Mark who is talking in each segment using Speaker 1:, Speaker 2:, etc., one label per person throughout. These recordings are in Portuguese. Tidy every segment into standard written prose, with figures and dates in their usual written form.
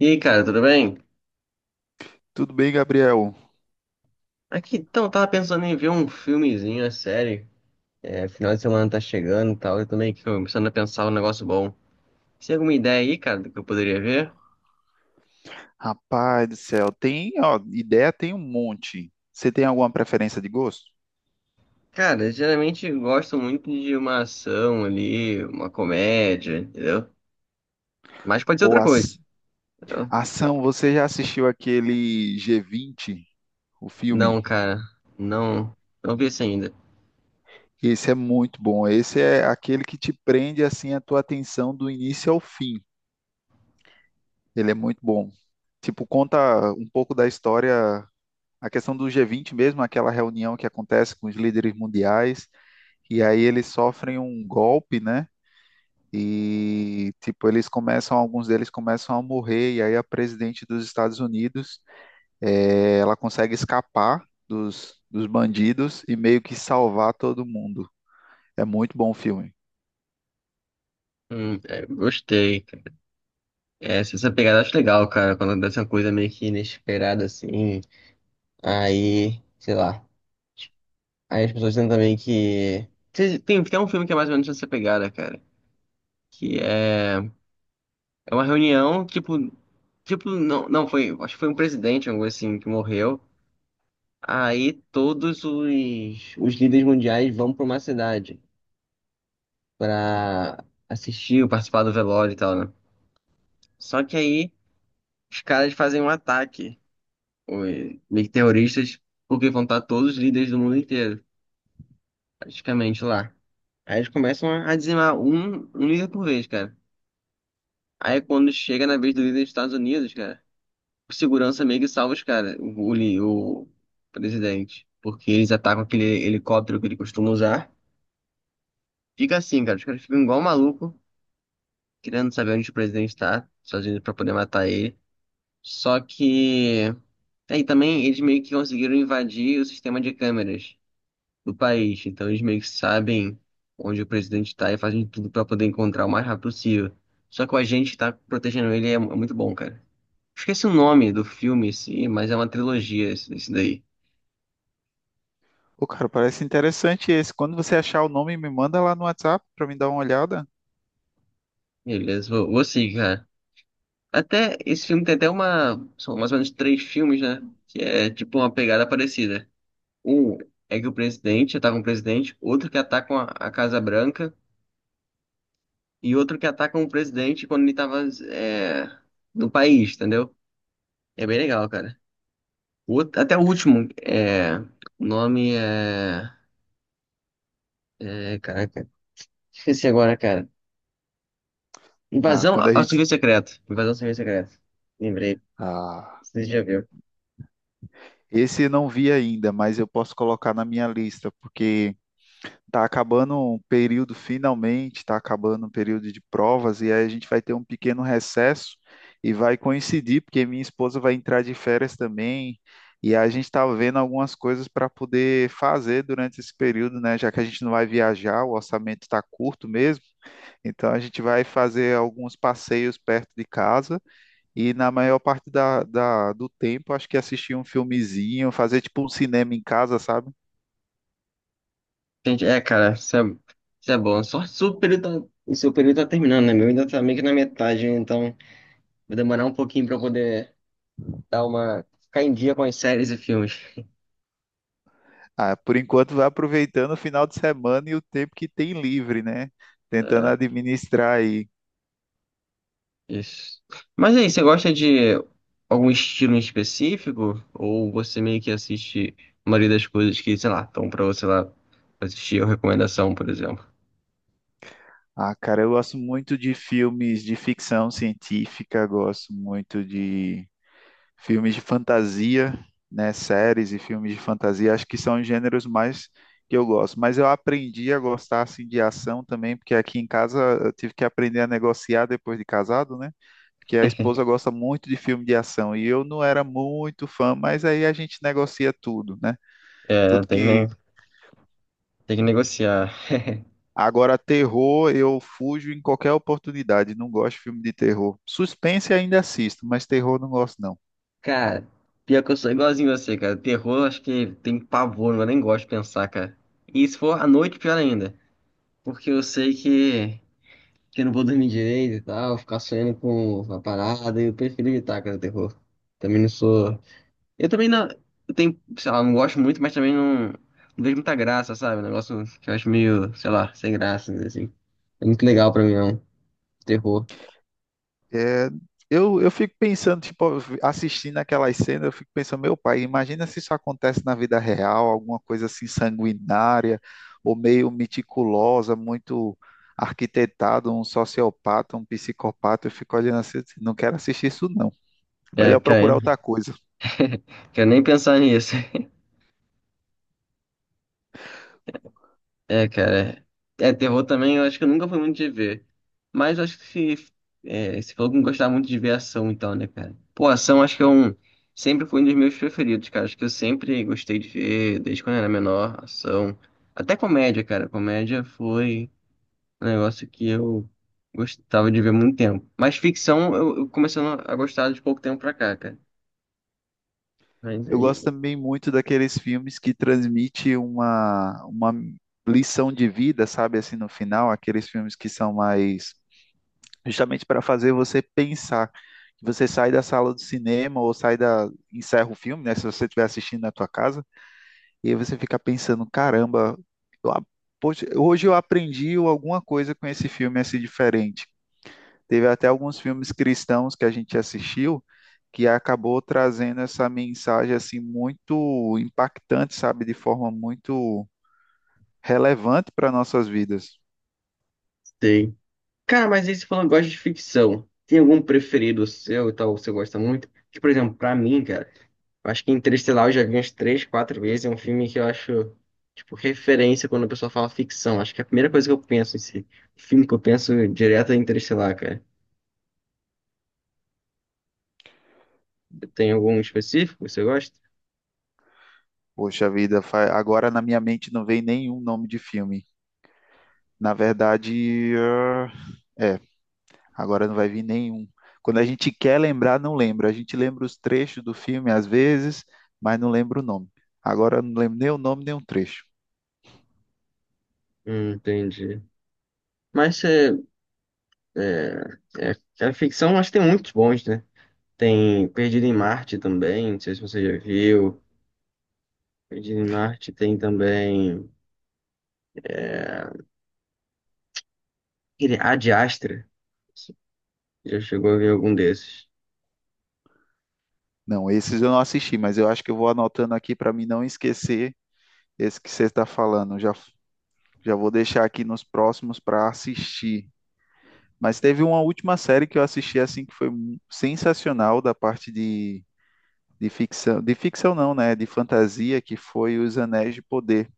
Speaker 1: E aí, cara, tudo bem?
Speaker 2: Tudo bem, Gabriel?
Speaker 1: Aqui, então, tava pensando em ver um filmezinho, a série. É, final de semana tá chegando e tal, eu tô meio que começando a pensar um negócio bom. Você tem alguma ideia aí, cara, do que eu poderia ver?
Speaker 2: Rapaz do céu, tem, ó, ideia tem um monte. Você tem alguma preferência de gosto?
Speaker 1: Cara, eu geralmente gosto muito de uma ação ali, uma comédia, entendeu? Mas pode ser
Speaker 2: Ou
Speaker 1: outra
Speaker 2: as-
Speaker 1: coisa, entendeu?
Speaker 2: Ação, você já assistiu aquele G20, o filme?
Speaker 1: Não, cara, não, não vi isso ainda.
Speaker 2: Esse é muito bom. Esse é aquele que te prende assim a tua atenção do início ao fim. Ele é muito bom. Tipo, conta um pouco da história, a questão do G20 mesmo, aquela reunião que acontece com os líderes mundiais, e aí eles sofrem um golpe, né? E, tipo, eles começam, alguns deles começam a morrer, e aí a presidente dos Estados Unidos, ela consegue escapar dos bandidos e meio que salvar todo mundo. É muito bom o filme.
Speaker 1: É, gostei, cara. É, se essa pegada eu acho legal, cara, quando acontece uma coisa meio que inesperada assim, aí, sei lá. Aí as pessoas dizem também que. Tem até um filme que é mais ou menos essa pegada, cara. Que é. É uma reunião, tipo. Tipo, não, não, foi. Acho que foi um presidente, algo assim, que morreu. Aí todos os líderes mundiais vão pra uma cidade pra assistir ou participar do velório e tal, né? Só que aí os caras fazem um ataque, os meio que terroristas, porque vão estar todos os líderes do mundo inteiro, praticamente lá. Aí eles começam a dizimar um líder por vez, cara. Aí quando chega na vez do líder dos Estados Unidos, cara, o segurança meio que salva os caras, o presidente. Porque eles atacam aquele helicóptero que ele costuma usar. Fica assim, cara, os caras ficam igual maluco, querendo saber onde o presidente tá, sozinho pra poder matar ele. Só que. Aí também eles meio que conseguiram invadir o sistema de câmeras do país. Então eles meio que sabem onde o presidente tá e fazem tudo pra poder encontrar o mais rápido possível. Só que o agente que tá protegendo ele é é muito bom, cara. Esqueci o nome do filme em si, mas é uma trilogia esse, esse daí.
Speaker 2: Ô, cara, parece interessante esse. Quando você achar o nome, me manda lá no WhatsApp pra me dar uma olhada.
Speaker 1: Beleza, vou seguir, cara. Até, esse filme tem até uma, são mais ou menos três filmes, né? Que é tipo uma pegada parecida. Um é que o presidente ataca um presidente, outro que atacam a Casa Branca e outro que atacam o presidente quando ele tava é, no país, entendeu? É bem legal, cara. Até o último, é, o nome é, é, caraca, esqueci agora, cara.
Speaker 2: Ah,
Speaker 1: Invasão
Speaker 2: quando a
Speaker 1: ao
Speaker 2: gente...
Speaker 1: serviço secreto. Invasão ao serviço secreto. Lembrei.
Speaker 2: Ah,
Speaker 1: Você já viu.
Speaker 2: esse eu não vi ainda, mas eu posso colocar na minha lista, porque... Tá acabando um período finalmente, tá acabando um período de provas, e aí a gente vai ter um pequeno recesso e vai coincidir, porque minha esposa vai entrar de férias também, e a gente está vendo algumas coisas para poder fazer durante esse período, né? Já que a gente não vai viajar, o orçamento está curto mesmo, então a gente vai fazer alguns passeios perto de casa e na maior parte do tempo, acho que assistir um filmezinho, fazer tipo um cinema em casa, sabe?
Speaker 1: Gente, é, cara, isso é bom. Só se o período tá, o seu período tá terminando, né? Meu ainda tá meio que na metade, então vai demorar um pouquinho pra eu poder dar uma. Ficar em dia com as séries e filmes.
Speaker 2: Ah, por enquanto vai aproveitando o final de semana e o tempo que tem livre, né? Tentando
Speaker 1: É,
Speaker 2: administrar aí.
Speaker 1: isso. Mas aí, você gosta de algum estilo em específico? Ou você meio que assiste a maioria das coisas que, sei lá, estão pra você lá assistir ou recomendação, por exemplo?
Speaker 2: Ah, cara, eu gosto muito de filmes de ficção científica, gosto muito de filmes de fantasia, né? Séries e filmes de fantasia, acho que são os gêneros mais que eu gosto. Mas eu aprendi a gostar assim de ação também, porque aqui em casa eu tive que aprender a negociar depois de casado, né? Porque a esposa gosta muito de filme de ação e eu não era muito fã, mas aí a gente negocia tudo, né?
Speaker 1: É,
Speaker 2: Tudo
Speaker 1: tem que,
Speaker 2: que
Speaker 1: tem que negociar.
Speaker 2: Agora, terror, eu fujo em qualquer oportunidade, não gosto de filme de terror. Suspense ainda assisto, mas terror não gosto, não.
Speaker 1: Cara, pior que eu sou igualzinho você, cara. Terror, acho que tem pavor, eu nem gosto de pensar, cara. E se for à noite, pior ainda. Porque eu sei que eu não vou dormir direito e tal, ficar sonhando com a parada, eu prefiro evitar, cara, o terror. Também não sou. Eu também não. Eu tenho, sei lá, não gosto muito, mas também não vejo muita graça, sabe? Um negócio que eu acho meio, sei lá, sem graça, assim. É muito legal pra mim, não. Terror.
Speaker 2: É, eu fico pensando, tipo, assistindo aquelas cenas, eu fico pensando, meu pai, imagina se isso acontece na vida real, alguma coisa assim sanguinária, ou meio meticulosa, muito arquitetado, um sociopata, um psicopata, eu fico olhando assim, não quero assistir isso não.
Speaker 1: É,
Speaker 2: Melhor
Speaker 1: cara,
Speaker 2: procurar outra coisa.
Speaker 1: quero nem pensar nisso. É, cara. É, terror também, eu acho que eu nunca fui muito de ver. Mas eu acho que se, é, você falou que não gostava muito de ver ação, então, né, cara? Pô, ação acho que é um. Sempre foi um dos meus preferidos, cara. Acho que eu sempre gostei de ver, desde quando eu era menor, ação. Até comédia, cara. Comédia foi um negócio que eu gostava de ver há muito tempo. Mas ficção eu comecei a gostar de pouco tempo pra cá, cara. Mas
Speaker 2: Eu gosto
Speaker 1: aí.
Speaker 2: também muito daqueles filmes que transmitem uma lição de vida, sabe, assim, no final, aqueles filmes que são mais justamente para fazer você pensar. Que Você sai da sala do cinema ou sai da, encerra o filme, né? Se você estiver assistindo na tua casa, e aí você fica pensando, caramba, eu a- poxa, hoje eu aprendi alguma coisa com esse filme assim diferente. Teve até alguns filmes cristãos que a gente assistiu que acabou trazendo essa mensagem assim muito impactante, sabe, de forma muito relevante para nossas vidas.
Speaker 1: Sei. Cara, mas aí você falando que gosta de ficção. Tem algum preferido seu e tal, que você gosta muito? Que, por exemplo, pra mim, cara, eu acho que Interestelar eu já vi umas três, quatro vezes. É um filme que eu acho, tipo, referência quando a pessoa fala ficção. Acho que é a primeira coisa que eu penso em si. O filme que eu penso direto é Interestelar, cara. Tem algum específico que você gosta?
Speaker 2: Poxa vida, agora na minha mente não vem nenhum nome de filme. Na verdade, é, agora não vai vir nenhum. Quando a gente quer lembrar, não lembra. A gente lembra os trechos do filme às vezes, mas não lembra o nome. Agora eu não lembro nem o nome, nem o trecho.
Speaker 1: Entendi. Mas é, é, a ficção, acho que tem muitos bons, né? Tem Perdido em Marte também, não sei se você já viu. Perdido em Marte tem também. Aquele Ad Astra. Já chegou a ver algum desses?
Speaker 2: Não, esses eu não assisti, mas eu acho que eu vou anotando aqui para mim não esquecer esse que você está falando. Já vou deixar aqui nos próximos para assistir. Mas teve uma última série que eu assisti assim que foi sensacional da parte de ficção não, né, de fantasia, que foi Os Anéis de Poder.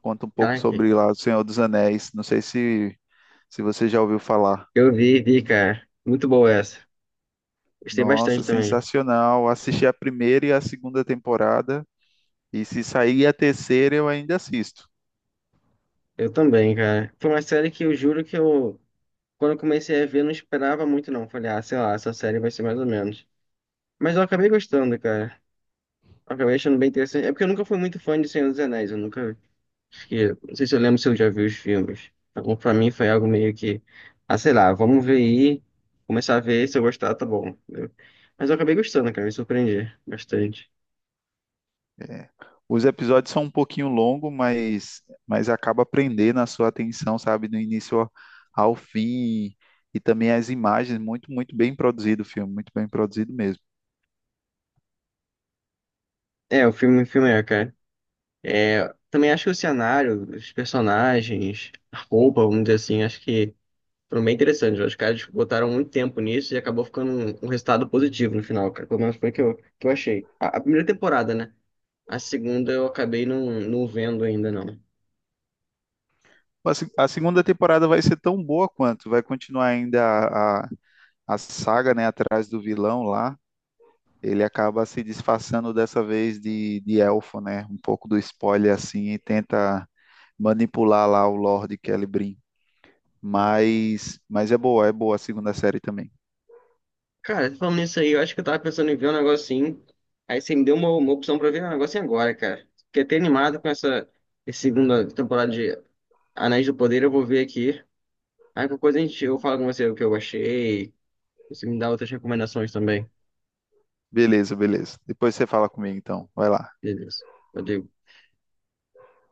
Speaker 2: Conta um pouco
Speaker 1: Caraca,
Speaker 2: sobre lá O Senhor dos Anéis. Não sei se, se você já ouviu falar.
Speaker 1: eu vi, vi, cara. Muito boa essa. Gostei bastante
Speaker 2: Nossa,
Speaker 1: também.
Speaker 2: sensacional. Assisti a primeira e a segunda temporada. E se sair a terceira, eu ainda assisto.
Speaker 1: Eu também, cara. Foi uma série que eu juro que eu, quando eu comecei a ver, não esperava muito, não. Falei, ah, sei lá, essa série vai ser mais ou menos. Mas eu acabei gostando, cara. Eu acabei achando bem interessante. É porque eu nunca fui muito fã de Senhor dos Anéis. Eu nunca. Acho que não sei se eu lembro se eu já vi os filmes. Então, pra mim foi algo meio que. Ah, sei lá, vamos ver aí. Começar a ver, se eu gostar, tá bom. Entendeu? Mas eu acabei gostando, cara. Me surpreendi bastante.
Speaker 2: É, os episódios são um pouquinho longos, mas acaba prendendo a sua atenção, sabe? Do início ao fim. E também as imagens. Muito, muito bem produzido o filme. Muito bem produzido mesmo.
Speaker 1: É, o filme é, cara. É, também acho que o cenário, os personagens, a roupa, vamos dizer assim, acho que foram bem interessantes. Os caras botaram muito tempo nisso e acabou ficando um resultado positivo no final, cara. Pelo menos foi o que eu achei. A primeira temporada, né? A segunda eu acabei não vendo ainda, não.
Speaker 2: A se- A segunda temporada vai ser tão boa quanto. Vai continuar ainda a saga, né? Atrás do vilão lá ele acaba se disfarçando dessa vez de elfo, né? Um pouco do spoiler assim e tenta manipular lá o Lord Celebrim. Mas é boa a segunda série também.
Speaker 1: Cara, falando nisso aí, eu acho que eu tava pensando em ver um negocinho. Aí você me deu uma opção pra ver um negocinho agora, cara. Fiquei até animado com essa, essa segunda temporada de Anéis do Poder, eu vou ver aqui. Aí qualquer coisa a gente, eu falo com você o que eu achei. Você me dá outras recomendações também.
Speaker 2: Beleza, beleza. Depois você fala comigo então. Vai lá.
Speaker 1: Beleza. Valeu.